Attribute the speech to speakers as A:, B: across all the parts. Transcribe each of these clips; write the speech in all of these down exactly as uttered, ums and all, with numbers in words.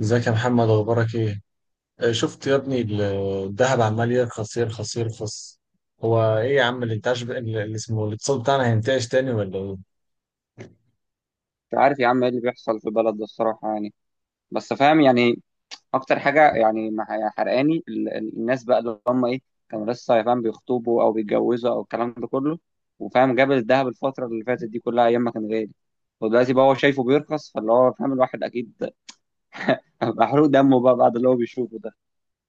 A: ازيك يا محمد؟ اخبارك ايه؟ آه، شفت يا ابني ال- الذهب عمال يرخص يرخص يرخص. هو ايه يا عم الانتعاش ب- ال- اللي اسمه الاقتصاد بتاعنا هينتعش تاني ولا ايه؟
B: مش عارف يا عم، ايه اللي بيحصل في البلد ده الصراحة يعني. بس فاهم يعني، اكتر حاجة يعني مع- حرقاني ال- ال- الناس بقى اللي هم ايه، كانوا لسه، يا فاهم، بيخطبوا او بيتجوزوا او الكلام ده كله، وفاهم جاب الذهب الفترة اللي فاتت دي كلها ايام ما كان غالي، ودلوقتي بقى هو شايفه بيرخص، فاللي هو فاهم الواحد اكيد محروق دمه بقى بعد اللي هو بيشوفه ده.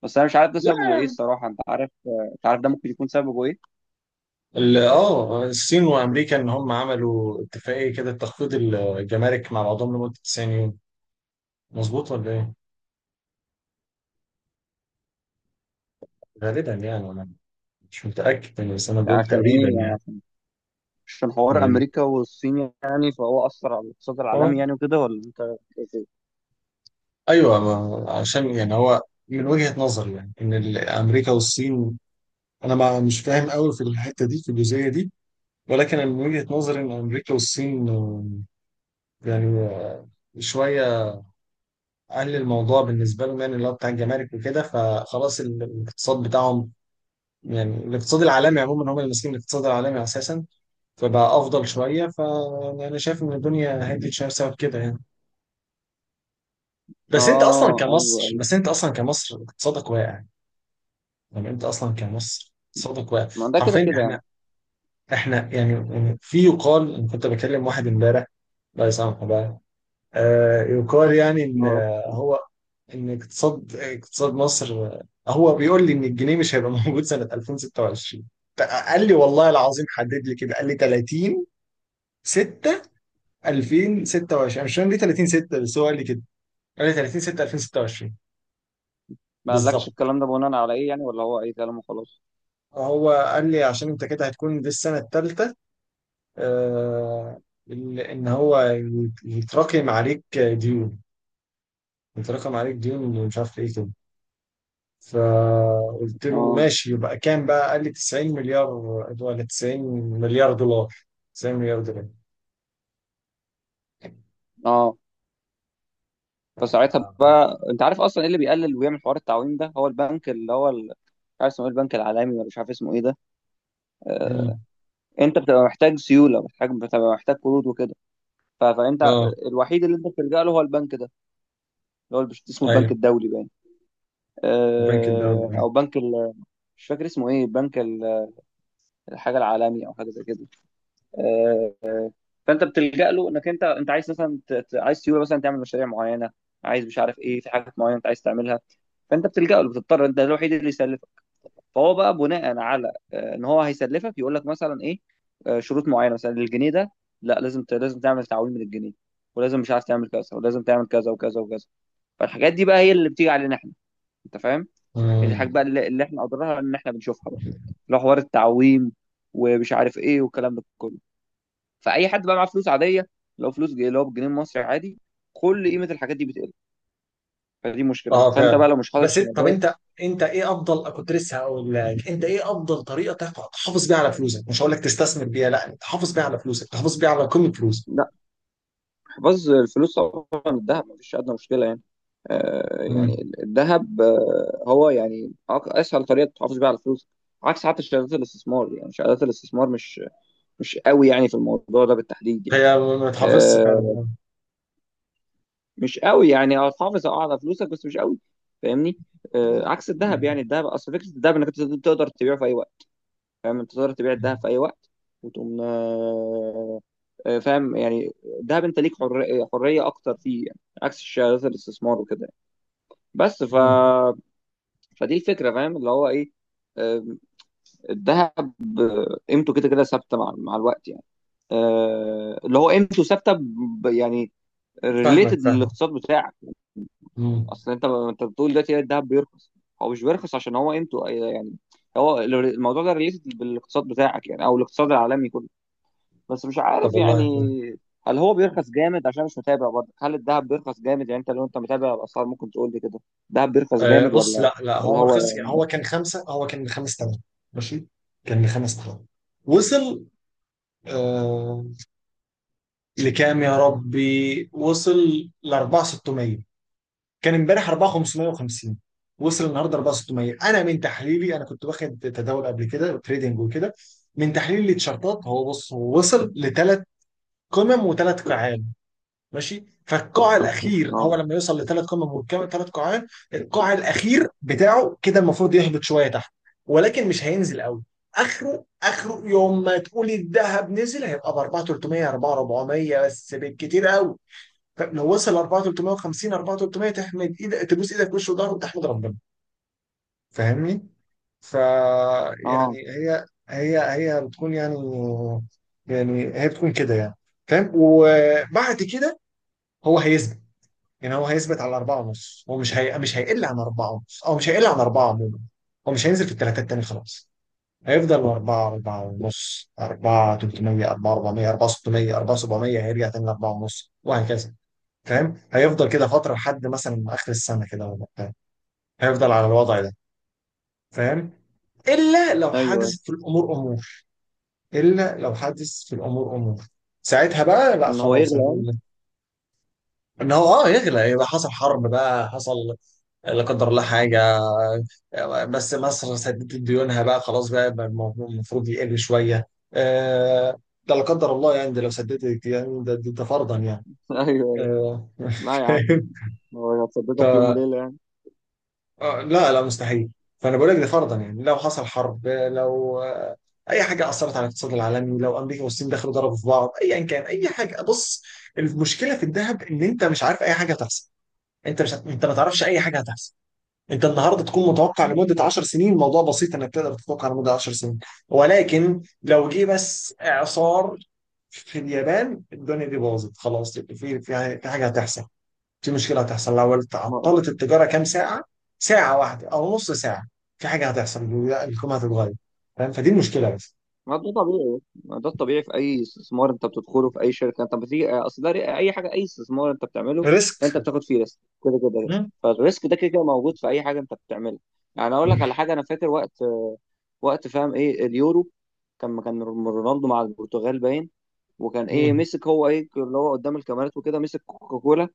B: بس انا مش عارف ده
A: لا،
B: سببه ايه الصراحة، انت عارف؟ انت عارف ده ممكن يكون سببه ايه؟
A: ال- اه الصين وامريكا ان هم عملوا اتفاقيه كده تخفيض الجمارك مع بعضهم لمده تسعين يوم. مظبوط ولا ايه؟ غالبا يعني انا مش متاكد يعني، بس انا
B: يعني
A: بقول
B: عشان
A: تقريبا
B: ايه يعني؟
A: يعني.
B: عشان حوار
A: من-
B: امريكا والصين يعني، فهو اثر على الاقتصاد
A: اه
B: العالمي يعني وكده، ولا انت؟
A: ايوه ما- عشان يعني هو من وجهه نظري يعني ان ال- امريكا والصين، انا ما مش فاهم قوي في الحته دي، في الجزئيه دي. ولكن أنا من وجهة نظري إن أمريكا والصين آه، يعني آه، شوية أهل الموضوع بالنسبة لهم، يعني اللي هو بتاع الجمارك وكده، فخلاص ال- الاقتصاد بتاعهم، يعني الاقتصاد العالمي عموما هم اللي ماسكين الاقتصاد العالمي أساسا، فبقى أفضل شوية. فأنا شايف إن الدنيا هدت شوية بسبب كده يعني. بس أنت أصلا
B: اه ايوه
A: كمصر
B: ايوه.
A: بس أنت أصلا كمصر اقتصادك واقع. يعني أنت أصلا كمصر اقتصادك واقع،
B: ما ده كده
A: حرفيا.
B: كده يعني.
A: إحنا إحنا يعني يعني في يقال، أنا كنت بكلم واحد إمبارح، الله يسامحه بقى، آه، يقال يعني ان
B: اه.
A: هو ان اقتصاد اقتصاد مصر، هو بيقول لي ان الجنيه مش هيبقى موجود سنة ألفين وستة وعشرين. قال لي والله العظيم، حدد لي كده، قال لي تلاتين ستة ألفين وستة وعشرين. مش فاهم ليه تلاتين ستة، بس هو قال لي كده، قال لي تلاتين ستة ألفين وستة وعشرين.
B: ما قالكش
A: بالظبط.
B: الكلام ده بناء على ايه يعني، ولا هو اي كلام وخلاص؟
A: هو قال لي عشان انت كده هتكون دي السنة الثالثة، آه، ان إن هو يتراكم عليك ديون، يتراكم عليك ديون مش عارف ايه كده. فقلت له
B: اه
A: ماشي، يبقى كام بقى؟ قال لي تسعين مليار، ولا تسعين مليار دولار، تسعين مليار دولار.
B: اه. فساعتها بقى، انت عارف اصلا ايه اللي بيقلل ويعمل حوار التعويم ده؟ هو البنك اللي هو ال- مش عارف اسمه ايه، البنك العالمي ولا مش عارف اسمه ايه ده. آه،
A: امم
B: انت بتبقى محتاج سيوله، محتاج بتبقى محتاج قروض وكده، ف- فانت
A: اه
B: الوحيد اللي انت بتلجأ له هو البنك ده، اللي هو بش- اسمه البنك
A: ايوه.
B: الدولي باين.
A: البنك
B: آه،
A: الدولي.
B: او بنك ال- مش فاكر اسمه ايه، بنك ال- الحاجه العالمي او حاجه زي كده. آه، فانت بتلجأ له، انك انت انت عايز مثلا ت- ت- عايز سيوله مثلا تعمل مشاريع معينه، عايز مش عارف ايه، في حاجات معينه انت عايز تعملها. فانت بتلجأ له، بتضطر، انت الوحيد اللي يسلفك. فهو بقى بناء على آه، ان هو هيسلفك، يقول لك مثلا ايه، آه، شروط معينه. مثلا الجنيه ده، لا لازم ت- لازم تعمل تعويم من الجنيه، ولازم مش عارف تعمل كذا، ولازم تعمل كذا وكذا وكذا. فالحاجات دي بقى هي اللي بتيجي علينا احنا، انت فاهم؟ هي دي الحاجات
A: امم
B: بقى اللي اللي احنا اضرارها ان احنا بنشوفها بقى، لو حوار التعويم ومش عارف ايه والكلام ده كله، فاي حد بقى معاه فلوس عاديه، لو فلوس جي- اللي هو بالجنيه المصري عادي، كل قيمه الحاجات دي بتقل. فدي مشكله،
A: اه
B: فانت
A: فعلا.
B: بقى لو مش حاطط
A: بس انت طب
B: شهادات.
A: انت انت ايه افضل، كنت لسه هقول لك، انت ايه افضل طريقه تحف- تحافظ بيها على فلوسك؟ مش هقول لك تستثمر بيها، لا، انت تحافظ بيها على فلوسك، تحافظ بيها على قيمه فلوسك.
B: لا، حفظ الفلوس طبعا، الذهب مفيش ادنى مشكله يعني. آه
A: امم
B: يعني الذهب، آه هو يعني أق- اسهل طريقه تحافظ بيها على الفلوس، عكس حتى شهادات الاستثمار يعني. شهادات الاستثمار مش مش قوي يعني في الموضوع ده بالتحديد يعني.
A: هي ما تحافظش فعلا
B: آه،
A: أه.
B: مش قوي يعني، اه تحافظ اه على فلوسك بس مش قوي، فاهمني؟ آه عكس الذهب يعني، الذهب، اصل فكره الذهب انك أنت تقدر تبيعه في اي وقت. فاهم؟ انت تقدر تبيع الذهب في اي وقت، وتقوم آه، آه، فاهم يعني. الذهب انت ليك حر- حريه اكتر فيه يعني، عكس شهادات الاستثمار وكده يعني. بس ف
A: مم.
B: فدي الفكره، فاهم اللي هو ايه، آم، الذهب آه، قيمته كده كده ثابته مع مع الوقت يعني. آه، اللي هو قيمته ثابته ب- يعني
A: فاهمك
B: ريليتد
A: فاهمك
B: للاقتصاد بتاعك.
A: مم.
B: اصل انت انت بتقول دلوقتي الذهب بيرخص، هو مش بيرخص عشان هو قيمته آه، يعني، هو الموضوع ده ريليتد بالاقتصاد بتاعك يعني، او الاقتصاد العالمي كله. بس مش
A: طب
B: عارف يعني،
A: والله،
B: هل هو بيرخص جامد؟ عشان مش متابع برضه. هل الذهب بيرخص جامد يعني؟ انت لو انت متابع الاسعار ممكن تقول لي كده، الذهب بيرخص
A: آه،
B: جامد
A: بص.
B: ولا؟
A: لا لا،
B: ولا
A: هو ما رخصش
B: هو
A: يعني. هو كان خمسة هو كان خمس تمام، ماشي، كان لخمس تمام. وصل، آه، لكام يا ربي؟ وصل ل أربعة آلاف وستمية. كان امبارح أربعة آلاف وخمسمية وخمسين، وصل النهارده أربعة آلاف وستمية. انا من تحليلي، انا كنت واخد تداول قبل كده وتريدنج وكده، من تحليل التيشيرتات، هو بص، هو وصل لثلاث قمم وثلاث قاعات، ماشي. فالقاع الاخير هو
B: اه
A: لما يوصل لثلاث قمم والكم ثلاث قاعات، القاع الاخير بتاعه كده المفروض يهبط شويه تحت. ولكن مش هينزل قوي، اخره اخره يوم ما تقولي الذهب نزل هيبقى ب أربعة آلاف وتلتمية أربعة آلاف وأربعمية بس، بالكتير قوي. فلو وصل أربعة آلاف وتلتمية وخمسين أربعتلاف وتلتمية تحمد ايدك، تبوس ايدك في وش وضهر وتحمد ربنا. فاهمني؟ ف
B: اه.
A: يعني هي هي هي بتكون يعني، يعني هي بتكون كده يعني. فاهم؟ وبعد كده هو هيثبت، يعني هو هيثبت على أربعة ونص. هو مش هي... مش هيقل عن أربعة ونص، أو مش هيقل عن أربعة عموما. هو مش هينزل في التلاتات تاني خلاص. هيفضل أربعة، أربعة ونص، أربعة تلتمية، أربعة أربعمائة، أربعة ستمية، أربعة سبعمية، هيرجع تاني لأربعة ونص، وهكذا. فاهم؟ هيفضل كده فترة لحد مثلا آخر السنة كده ولا بتاع، هيفضل على الوضع ده، فاهم. إلا لو
B: ايوه،
A: حدثت في الأمور أمور إلا لو حدث في الأمور أمور، ساعتها بقى لا،
B: ان هو
A: خلاص،
B: يغلى يعني.
A: هنقول ان هو اه يغلى. يبقى حصل حرب بقى، حصل لا قدر الله حاجة، بس مصر سددت ديونها بقى خلاص، بقى الموضوع المفروض يقل شوية. آه، ده لا قدر الله يعني، ده لو سددت يعني، ده, ده, ده فرضا يعني.
B: ايوه أيوة.
A: آه،
B: لا يا عم،
A: فاهم.
B: هو
A: ف
B: هتصدقك يوم وليله يعني.
A: آه، لا لا مستحيل. فأنا بقول لك ده فرضا يعني، لو حصل حرب، لو آه، أي حاجة أثرت على الاقتصاد العالمي، لو أمريكا والصين دخلوا ضربوا في بعض، أيا كان، أي حاجة. بص، المشكلة في الذهب إن أنت مش عارف أي حاجة هتحصل. أنت مش هت- أنت ما تعرفش أي حاجة هتحصل. انت النهارده تكون متوقع لمده عشر سنين، الموضوع بسيط انك تقدر تتوقع لمده عشر سنين. ولكن لو جه بس اعصار في اليابان، الدنيا دي باظت خلاص. في في في حاجه هتحصل، في مشكله هتحصل، لو
B: ما
A: تعطلت التجاره كام ساعه، ساعه واحده او نص ساعه، في حاجه هتحصل، الحكومه هتتغير. فاهم؟ فدي المشكله بس.
B: ما ده طبيعي، ما ده الطبيعي في اي استثمار انت بتدخله، في اي شركه انت بتيجي، آه، اصل ده ري- اي حاجه، اي استثمار انت بتعمله
A: ريسك.
B: انت بتاخد فيه ريسك كده كده.
A: مم.
B: فالريسك ده كده كده موجود في اي حاجه انت بتعملها. يعني اقول لك على حاجه انا فاكر، وقت وقت فاهم، ايه اليورو، كان كان رونالدو مع البرتغال باين، وكان ايه،
A: مم.
B: مسك هو ايه اللي هو قدام الكاميرات وكده، مسك كوكاكولا،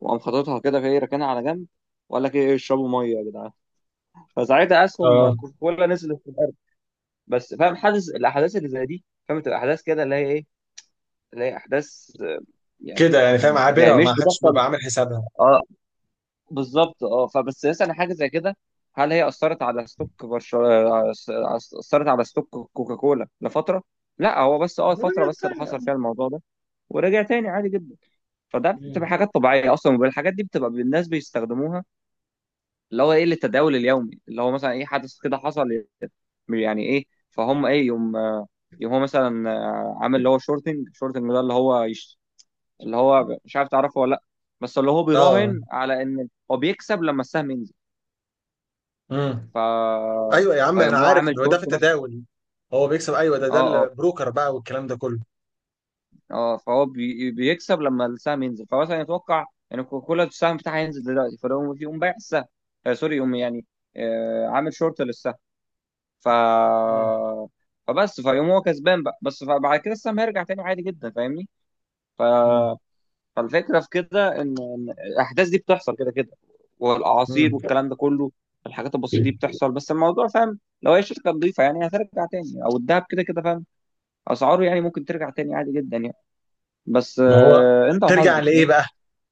B: وقام حاططها كده في ايه ركنها على جنب، وقال لك ايه اشربوا ميه يا جدعان. فساعتها اسهم
A: اه
B: كوكاكولا نزلت. بس فاهم، حاسس الاحداث اللي زي دي فاهم، تبقى احداث كده اللي هي ايه، اللي هي احداث آه، يعني،
A: كده يعني فاهم،
B: يعني
A: عابره،
B: مش
A: ما حدش
B: بتحصل.
A: بيبقى عامل حسابها.
B: اه بالظبط. اه، فبس مثلا حاجه زي كده، هل هي اثرت على ستوك برشا، على- اثرت على ستوك كوكاكولا لفتره؟ لا هو بس اه فتره بس اللي حصل فيها الموضوع ده، ورجع تاني عادي جدا. فده
A: مم.
B: بتبقى حاجات طبيعيه اصلا، والحاجات دي بتبقى الناس بيستخدموها، اللي هو ايه، للتداول اليومي. اللي هو مثلا ايه، حدث كده حصل، يعني ايه، فهم ايه، يوم آه، يوم هو مثلا آه، عامل اللي هو شورتنج. شورتنج ده اللي هو يش... اللي هو مش عارف تعرفه ولا لا. بس اللي هو
A: اه.
B: بيراهن على ان هو بيكسب لما السهم ينزل.
A: مم.
B: ف
A: ايوه يا عم، انا
B: فيوم هو
A: عارف
B: عامل
A: ان هو ده
B: شورت
A: في
B: مثلا.
A: التداول، هو بيكسب، ايوه، ده ده
B: اه اه.
A: البروكر بقى والكلام ده كله.
B: اه، فهو بي... بيكسب لما السهم ينزل، فمثلا يتوقع ان كوكولا السهم بتاعها ينزل دلوقتي، فيقوم، يقوم بايع السهم، آه سوري، يقوم يعني آه عامل شورت للسهم. ف
A: مم.
B: فبس فيقوم هو كسبان بقى، بس فبعد كده السهم هيرجع تاني عادي جدا، فاهمني؟ ف
A: مم.
B: فالفكره في كده ان إن الاحداث دي بتحصل كده كده،
A: مم.
B: والاعاصير والكلام ده كله، الحاجات البسيطه دي بتحصل. بس الموضوع فاهم لو هي شركه نظيفه يعني هترجع تاني، او الذهب كده كده فاهم اسعاره يعني ممكن ترجع تاني عادي جدا يعني. بس
A: ما هو،
B: آه، انت
A: ترجع
B: وحظك
A: لايه
B: فاهم.
A: بقى؟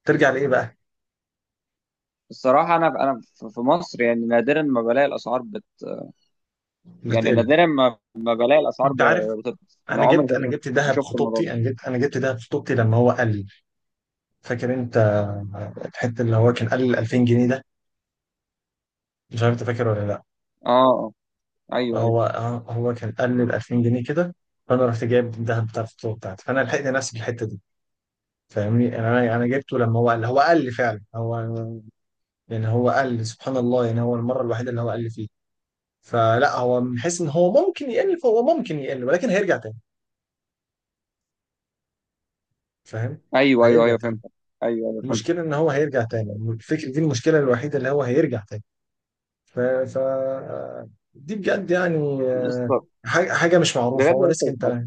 A: ترجع لايه بقى؟
B: الصراحه انا انا في في مصر يعني نادرا ما بلاقي الاسعار بت يعني
A: بتقل.
B: نادرا ما ما بلاقي الاسعار
A: انت عارف،
B: ب- بترخص. انا
A: انا
B: عمري
A: جبت انا
B: تقريباً
A: جبت
B: ما
A: دهب
B: شفت الموضوع
A: خطوبتي،
B: ده.
A: انا جبت انا جبت دهب خطوبتي لما هو قال لي، فاكر انت الحته اللي هو كان قال لي ال ألفين جنيه ده، مش عارف انت فاكر ولا لا؟
B: اه اه. ايوه ايوه
A: هو هو كان قال لي ال ألفين جنيه كده، فانا رحت جايب الدهب بتاع الخطوبه بتاعتي، فانا لحقت نفسي في الحته دي. فاهمني؟ يعني انا انا جبته لما هو قال هو قال لي. فعلا هو يعني هو قل، سبحان الله، يعني هو المرة الوحيدة اللي هو قل فيه. فلا هو من حيث ان هو ممكن يقل، فهو ممكن يقل، ولكن هيرجع تاني، فاهم؟
B: ايوه. ايوه
A: هيرجع
B: ايوه
A: تاني.
B: فهمت. ايوه ايوه فهمت.
A: المشكلة ان هو هيرجع تاني، الفكرة دي المشكلة الوحيدة، اللي هو هيرجع تاني. ف, ف... دي بجد يعني، آه،
B: يسطا،
A: حاجة حاجة مش معروفة،
B: بجد.
A: هو ريسك.
B: يسطا،
A: انت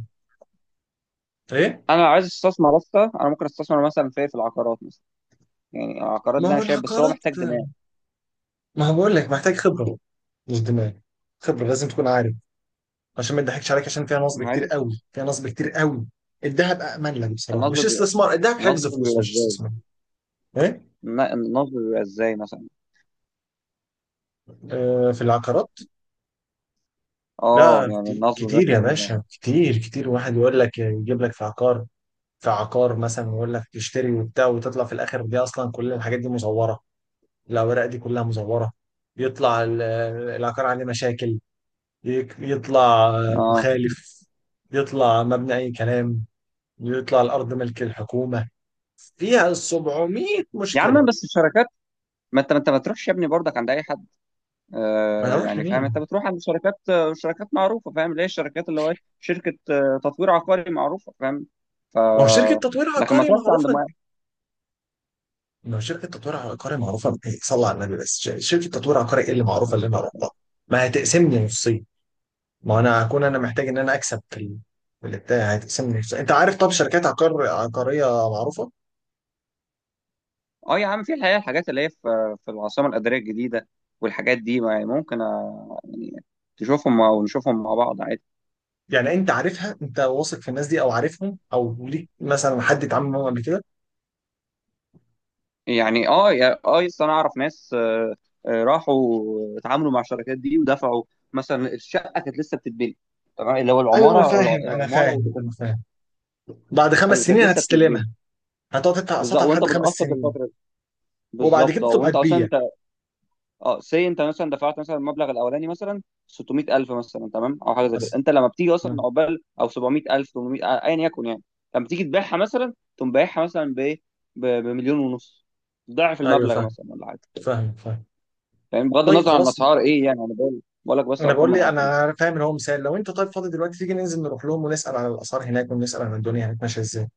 A: ايه؟
B: انا عايز استثمر اصلا، انا ممكن استثمر مثلا في إيه؟ في العقارات مثلا. يعني العقارات
A: ما
B: ده انا
A: هو
B: شايف بس هو
A: العقارات،
B: محتاج دماغ.
A: ما هو بقول لك محتاج خبرة، مش دماغ. خبرة، لازم تكون عارف، عشان ما نضحكش عليك، عشان فيها نصب كتير
B: معاك.
A: قوي، فيها نصب كتير قوي. الذهب امن لك بصراحه،
B: النصب
A: مش
B: بيبقى،
A: استثمار، الذهب
B: النصب
A: حفظ فلوس
B: بيبقى
A: مش
B: ازاي؟
A: استثمار. ايه؟
B: الن- النصب بيبقى ازاي مثلا؟
A: آه في العقارات.
B: اه
A: لا
B: يعني
A: كتير,
B: النصب
A: كتير
B: مثلا
A: يا
B: بيبقى.
A: باشا، كتير كتير. واحد يقول لك يجيب لك في عقار، في عقار مثلا، ويقول لك تشتري وبتاع، وتطلع في الاخر دي اصلا كل الحاجات دي مزوره، الاوراق دي كلها مزوره، يطلع ال- العقار عليه مشاكل، يك- يطلع
B: اه
A: مخالف، يطلع مبني اي كلام، يطلع الارض ملك الحكومه، فيها سبعمائة
B: يا عم
A: مشكله.
B: بس الشركات، ما انت ما انت ما تروحش يا ابني برضك عند اي حد.
A: ما
B: آه
A: اروح
B: يعني فاهم،
A: لمين؟
B: انت بتروح عند شركات، آه، شركات معروفه، فاهم؟ ليه الشركات اللي هو إيه؟ شركه آه، تطوير عقاري معروفه، فاهم؟ ف
A: ما هو شركه تطوير
B: لكن ما
A: عقاري
B: تروحش عند.
A: معروفه. ما هو شركه تطوير عقاري معروفه إيه، صلى على النبي، بس ش- شركه تطوير عقاري ايه اللي معروفه
B: ما،
A: اللي انا اروح لها؟ ما هتقسمني نصين، ما انا هكون انا محتاج ان انا اكسب في ال- في البتاع، هتقسمني نصين. انت عارف طب شركات عقار عقاريه معروفه؟
B: اه يا عم في الحقيقه الحاجات اللي هي في في العاصمه الاداريه الجديده والحاجات دي ما- يعني ممكن آه، يعني تشوفهم او نشوفهم مع بعض عادي.
A: يعني انت عارفها، انت واثق في الناس دي او عارفهم، او ليك مثلا حد اتعامل معاهم قبل كده؟
B: يعني اه يا- اه لسه انا اعرف ناس آه، آه، راحوا اتعاملوا مع الشركات دي ودفعوا، مثلا الشقه كانت لسه بتتبني. تمام، اللي هو
A: ايوه انا
B: العماره الع-
A: فاهم، انا
B: العماره
A: فاهم انا
B: والكم.
A: فاهم بعد خمس
B: ايوه، كانت
A: سنين
B: لسه بتتبني.
A: هتستلمها، هتقعد تدفع
B: بالظبط،
A: اقساطها
B: وانت
A: لحد خمس
B: بتقسط
A: سنين،
B: الفتره دي.
A: وبعد
B: بالظبط،
A: كده
B: اه
A: تبقى
B: وانت
A: تبيع.
B: اصلا. اه سي، انت مثلا دفعت مثلا المبلغ الاولاني مثلا ستمية الف، مثلا تمام او حاجه زي كده.
A: بس
B: انت لما بتيجي
A: آه.
B: اصلا عقبال او سبعمية الف، تمنمية الف، آه، ايا يكن يعني. لما تيجي تبيعها مثلا، تقوم بايعها مثلا بايه، ب- بمليون ونص، ضعف
A: ايوه
B: المبلغ
A: فاهم،
B: مثلا ولا حاجه.
A: فاهم فاهم.
B: فاهم بغض
A: طيب
B: النظر عن
A: خلاص.
B: الاسعار ايه يعني، انا بقول بقول لك بس
A: انا
B: ارقام
A: بقول
B: من
A: لي
B: عندي.
A: انا فاهم، ان هو مثال، لو انت طيب فاضي دلوقتي تيجي ننزل نروح لهم ونسال على الاسعار هناك، ونسال عن الدنيا هناك ماشيه ازاي.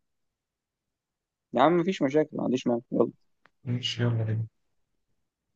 B: يا عم مفيش مشاكل، ما عنديش مانع، يلا.
A: ماشي، يلا بينا.